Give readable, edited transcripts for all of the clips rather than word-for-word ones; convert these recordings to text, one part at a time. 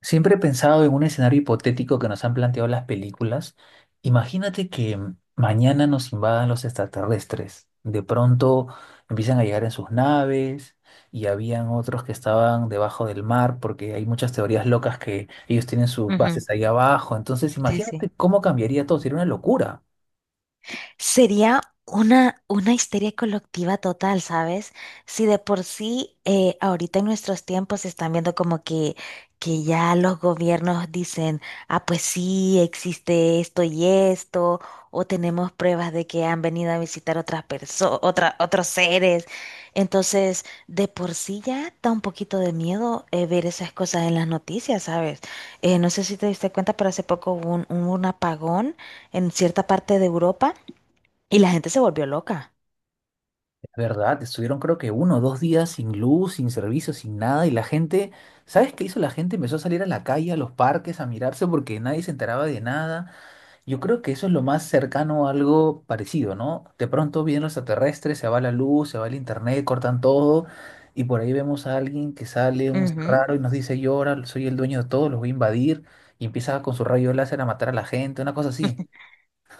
Siempre he pensado en un escenario hipotético que nos han planteado las películas. Imagínate que mañana nos invadan los extraterrestres. De pronto empiezan a llegar en sus naves y habían otros que estaban debajo del mar porque hay muchas teorías locas que ellos tienen sus Ujú. bases ahí abajo. Entonces Sí, sí. imagínate cómo cambiaría todo. Sería una locura. Sería una histeria colectiva total, ¿sabes? Si de por sí ahorita en nuestros tiempos se están viendo como que ya los gobiernos dicen, ah, pues sí, existe esto y esto, o tenemos pruebas de que han venido a visitar otras personas, otros seres. Entonces, de por sí ya da un poquito de miedo ver esas cosas en las noticias, ¿sabes? No sé si te diste cuenta, pero hace poco hubo un apagón en cierta parte de Europa. Y la gente se volvió loca. Es verdad, estuvieron creo que 1 o 2 días sin luz, sin servicio, sin nada y la gente, ¿sabes qué hizo la gente? Empezó a salir a la calle, a los parques, a mirarse porque nadie se enteraba de nada. Yo creo que eso es lo más cercano a algo parecido, ¿no? De pronto vienen los extraterrestres, se va la luz, se va el internet, cortan todo, y por ahí vemos a alguien que sale un ser Ujú. raro y nos dice, yo ahora soy el dueño de todo, los voy a invadir, y empieza con su rayo láser a matar a la gente, una cosa así.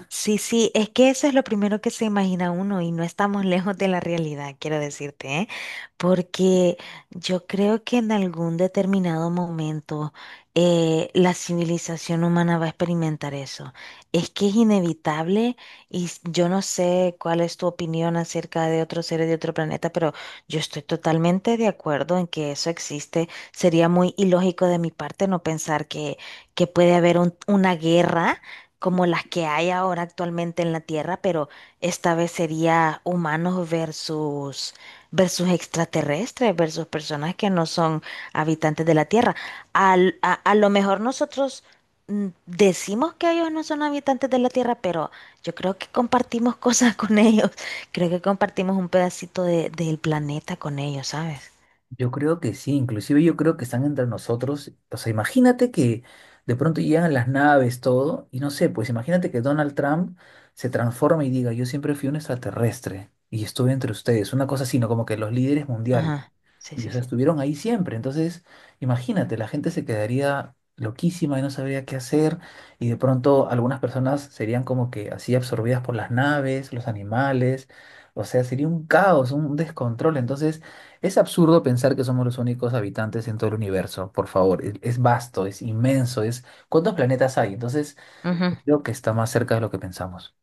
Sí, sí, es que eso es lo primero que se imagina uno y no estamos lejos de la realidad, quiero decirte, ¿eh? Porque yo creo que en algún determinado momento la civilización humana va a experimentar eso. Es que es inevitable y yo no sé cuál es tu opinión acerca de otros seres de otro planeta, pero yo estoy totalmente de acuerdo en que eso existe. Sería muy ilógico de mi parte no pensar que puede haber una guerra como las que hay ahora actualmente en la Tierra, pero esta vez sería humanos versus versus extraterrestres, versus personas que no son habitantes de la Tierra. A lo mejor nosotros decimos que ellos no son habitantes de la Tierra, pero yo creo que compartimos cosas con ellos. Creo que compartimos un pedacito del planeta con ellos, ¿sabes? Yo creo que sí, inclusive yo creo que están entre nosotros. O sea, imagínate que de pronto llegan las naves, todo, y no sé, pues imagínate que Donald Trump se transforma y diga, yo siempre fui un extraterrestre y estuve entre ustedes, una cosa así, ¿no? Como que los líderes mundiales. Ajá. Sí, Y o sí, sí. sea, estuvieron ahí siempre. Entonces, imagínate, la gente se quedaría loquísima y no sabría qué hacer. Y de pronto algunas personas serían como que así absorbidas por las naves, los animales. O sea, sería un caos, un descontrol. Entonces, es absurdo pensar que somos los únicos habitantes en todo el universo. Por favor, es vasto, es inmenso, es... ¿Cuántos planetas hay? Entonces, Ujú. creo que está más cerca de lo que pensamos.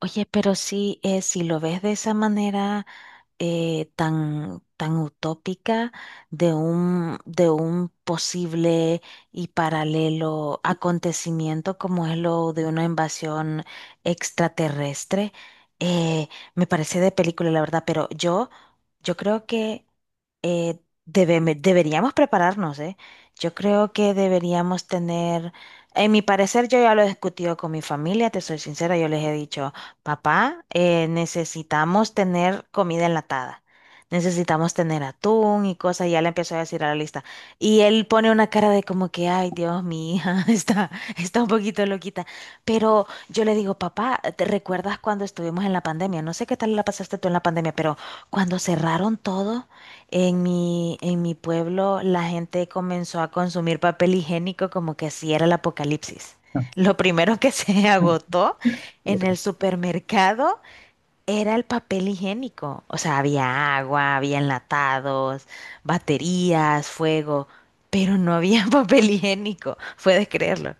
Oye, pero sí, si lo ves de esa manera, tan utópica de un posible y paralelo acontecimiento como es lo de una invasión extraterrestre. Eh, Me parece de película, la verdad, pero yo creo que eh, deberíamos prepararnos, ¿eh? Yo creo que deberíamos tener, en mi parecer, yo ya lo he discutido con mi familia, te soy sincera, yo les he dicho. Papá, necesitamos tener comida enlatada. Necesitamos tener atún y cosas. Y ya le empiezo a decir a la lista. Y él pone una cara de como que, ay, Dios, mi hija está, está un poquito loquita. Pero yo le digo, papá, ¿te recuerdas cuando estuvimos en la pandemia? No sé qué tal la pasaste tú en la pandemia, pero cuando cerraron todo en en mi pueblo, la gente comenzó a consumir papel higiénico como que si era el apocalipsis. Lo primero que se agotó en el supermercado era el papel higiénico. O sea, había agua, había enlatados, baterías, fuego, pero no había papel higiénico. Puedes creerlo.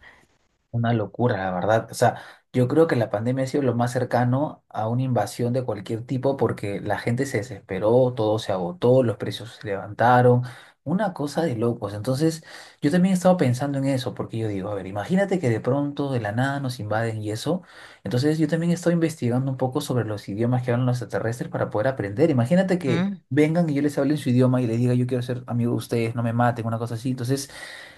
Una locura, la verdad. O sea, yo creo que la pandemia ha sido lo más cercano a una invasión de cualquier tipo porque la gente se desesperó, todo se agotó, los precios se levantaron, una cosa de locos. Entonces, yo también estaba pensando en eso porque yo digo, a ver, imagínate que de pronto, de la nada, nos invaden y eso. Entonces, yo también estoy investigando un poco sobre los idiomas que hablan los extraterrestres para poder aprender. Imagínate que Mm. vengan y yo les hable en su idioma y les diga, yo quiero ser amigo de ustedes, no me maten, una cosa así. Entonces,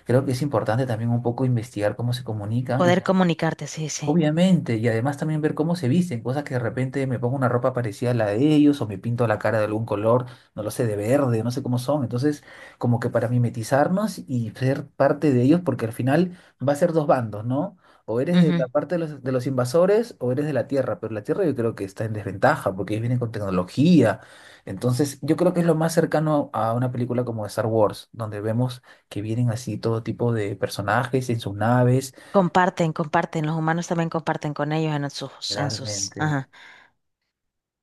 creo que es importante también un poco investigar cómo se comunican y Poder comunicarte, sí, sí. obviamente, y además también ver cómo se visten, cosas que de repente me pongo una ropa parecida a la de ellos o me pinto la cara de algún color, no lo sé, de verde, no sé cómo son. Entonces, como que para mimetizarnos y ser parte de ellos, porque al final va a ser dos bandos, ¿no? O eres de Ujú. la parte de los invasores o eres de la Tierra, pero la Tierra yo creo que está en desventaja porque ellos vienen con tecnología. Entonces, yo creo que es lo más cercano a una película como Star Wars, donde vemos que vienen así todo tipo de personajes en sus naves. Comparten, comparten. Los humanos también comparten con ellos en en sus. Realmente. Ajá.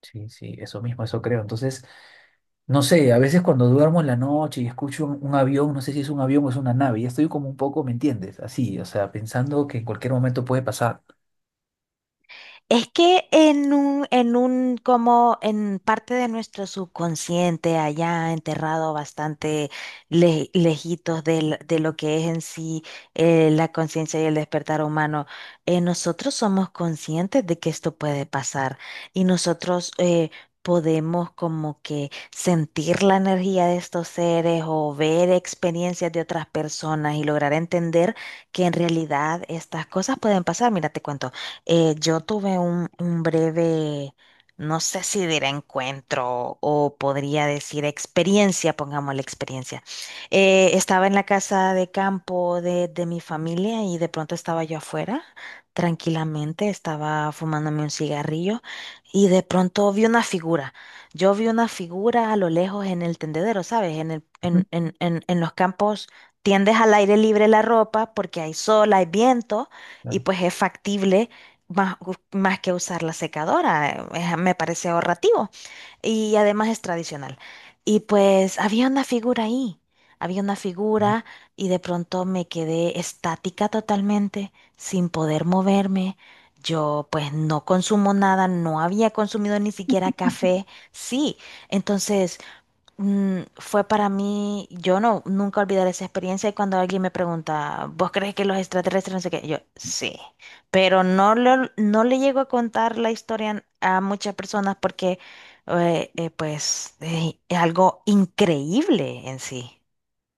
Sí, sí, eso mismo, eso creo. Entonces, no sé, a veces cuando duermo en la noche y escucho un avión, no sé si es un avión o es una nave, ya estoy como un poco, ¿me entiendes? Así, o sea, pensando que en cualquier momento puede pasar. Es que en un, como en parte de nuestro subconsciente, allá enterrado bastante lejitos de lo que es en sí la conciencia y el despertar humano, nosotros somos conscientes de que esto puede pasar y nosotros podemos como que sentir la energía de estos seres o ver experiencias de otras personas y lograr entender que en realidad estas cosas pueden pasar. Mira, te cuento. Yo tuve un breve, no sé si diré encuentro o podría decir experiencia, pongamos la experiencia. Estaba en la casa de campo de mi familia y de pronto estaba yo afuera, tranquilamente, estaba fumándome un cigarrillo y de pronto vi una figura. Yo vi una figura a lo lejos en el tendedero, ¿sabes? En Ujú. En los campos. Tiendes al aire libre la ropa porque hay sol, hay viento y Claro. pues es factible más, más que usar la secadora, me parece ahorrativo y además es tradicional. Y pues había una figura ahí, había una figura y de pronto me quedé estática totalmente, sin poder moverme. Yo pues no consumo nada, no había consumido ni siquiera café, sí. Entonces fue para mí, yo no, nunca olvidaré esa experiencia y cuando alguien me pregunta, ¿vos crees que los extraterrestres no sé qué? Yo, sí, pero no, no le llego a contar la historia a muchas personas porque es algo increíble en sí.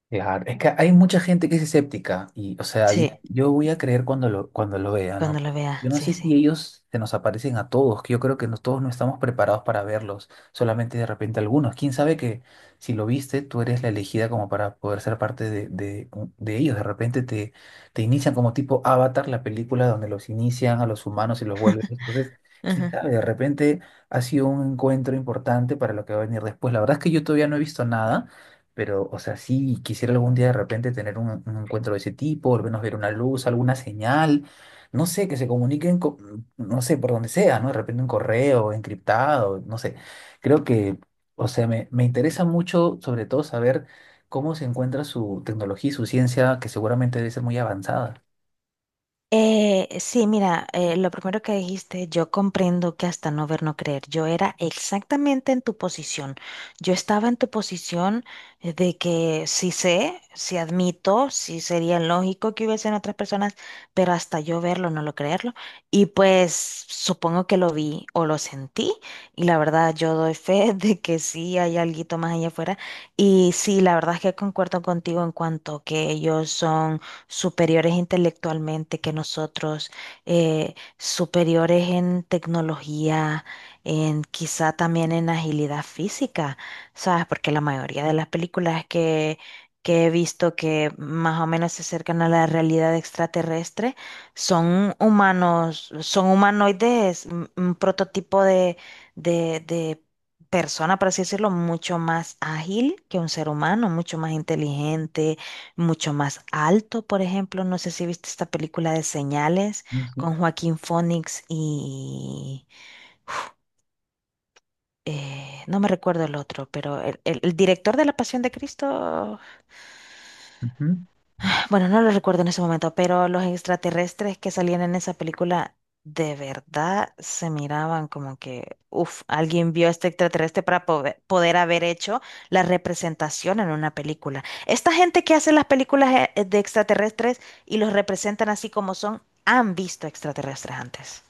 Claro, es que hay mucha gente que es escéptica y, o sea, Sí, yo voy a creer cuando cuando lo vea, cuando ¿no? lo Pero vea, yo no sí, sé si sí. ellos se nos aparecen a todos, que yo creo que no, todos no estamos preparados para verlos, solamente de repente algunos. ¿Quién sabe que si lo viste, tú eres la elegida como para poder ser parte de ellos? De repente te inician como tipo Avatar, la película donde los inician a los humanos y los vuelven. Entonces, quién sabe, de repente ha sido un encuentro importante para lo que va a venir después. La verdad es que yo todavía no he visto nada. Pero, o sea, sí, quisiera algún día de repente tener un encuentro de ese tipo, al menos ver una luz, alguna señal, no sé, que se comuniquen, no sé, por donde sea, ¿no? De repente un correo encriptado, no sé. Creo que, o sea, me interesa mucho, sobre todo, saber cómo se encuentra su tecnología y su ciencia, que seguramente debe ser muy avanzada. Sí, mira, lo primero que dijiste, yo comprendo que hasta no ver, no creer. Yo era exactamente en tu posición. Yo estaba en tu posición, de que sí sé, sí admito, sí sería lógico que hubiesen otras personas, pero hasta yo verlo, no lo creerlo. Y pues supongo que lo vi o lo sentí. Y la verdad, yo doy fe de que sí hay alguito más allá afuera. Y sí, la verdad es que concuerdo contigo en cuanto que ellos son superiores intelectualmente que nosotros, superiores en tecnología, en quizá también en agilidad física, ¿sabes? Porque la mayoría de las películas que he visto que más o menos se acercan a la realidad extraterrestre son humanos, son humanoides, un prototipo de persona, por así decirlo, mucho más ágil que un ser humano, mucho más inteligente, mucho más alto, por ejemplo. No sé si viste esta película de Señales Sí, sí. con Joaquín Phoenix y no me recuerdo el otro, pero el director de La Pasión de Cristo. Ujú. Bueno, no lo recuerdo en ese momento, pero los extraterrestres que salían en esa película de verdad se miraban como que, uff, alguien vio a este extraterrestre para poder haber hecho la representación en una película. Esta gente que hace las películas de extraterrestres y los representan así como son, han visto extraterrestres antes.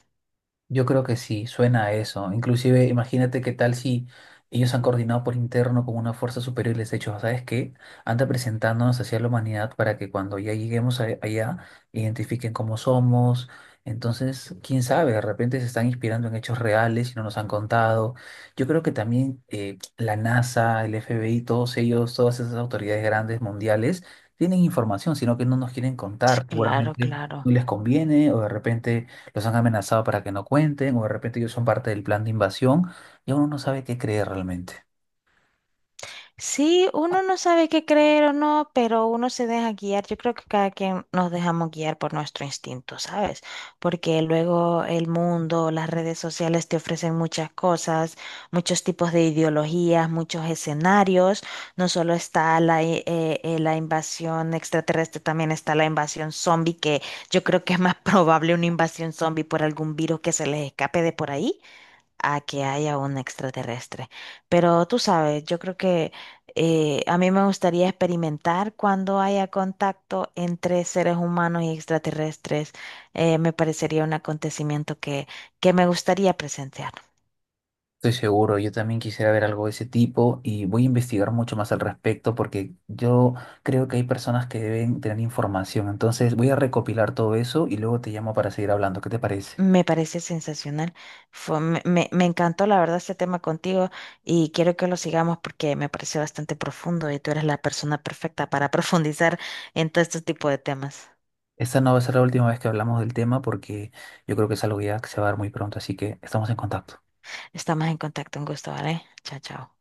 Yo creo que sí, suena a eso. Inclusive, imagínate qué tal si ellos han coordinado por interno con una fuerza superior y les he dicho, ¿sabes qué? Anda presentándonos hacia la humanidad para que cuando ya lleguemos allá, identifiquen cómo somos. Entonces, quién sabe, de repente se están inspirando en hechos reales y no nos han contado. Yo creo que también la NASA, el FBI, todos ellos, todas esas autoridades grandes mundiales, tienen información, sino que no nos quieren contar. Claro, Seguramente no claro. les conviene o de repente los han amenazado para que no cuenten, o de repente ellos son parte del plan de invasión, y uno no sabe qué creer realmente. Sí, uno no sabe qué creer o no, pero uno se deja guiar. Yo creo que cada quien nos dejamos guiar por nuestro instinto, ¿sabes? Porque luego el mundo, las redes sociales te ofrecen muchas cosas, muchos tipos de ideologías, muchos escenarios. No solo está la invasión extraterrestre, también está la invasión zombie, que yo creo que es más probable una invasión zombie por algún virus que se les escape de por ahí a que haya un extraterrestre. Pero tú sabes, yo creo que a mí me gustaría experimentar cuando haya contacto entre seres humanos y extraterrestres. Me parecería un acontecimiento que me gustaría presenciar. Estoy seguro, yo también quisiera ver algo de ese tipo y voy a investigar mucho más al respecto porque yo creo que hay personas que deben tener información. Entonces voy a recopilar todo eso y luego te llamo para seguir hablando. ¿Qué te parece? Me parece sensacional. Me encantó, la verdad, este tema contigo y quiero que lo sigamos porque me pareció bastante profundo y tú eres la persona perfecta para profundizar en todo este tipo de temas. Esta no va a ser la última vez que hablamos del tema porque yo creo que es algo ya que se va a dar muy pronto, así que estamos en contacto. Estamos en contacto, un gusto, ¿vale? Chao, chao.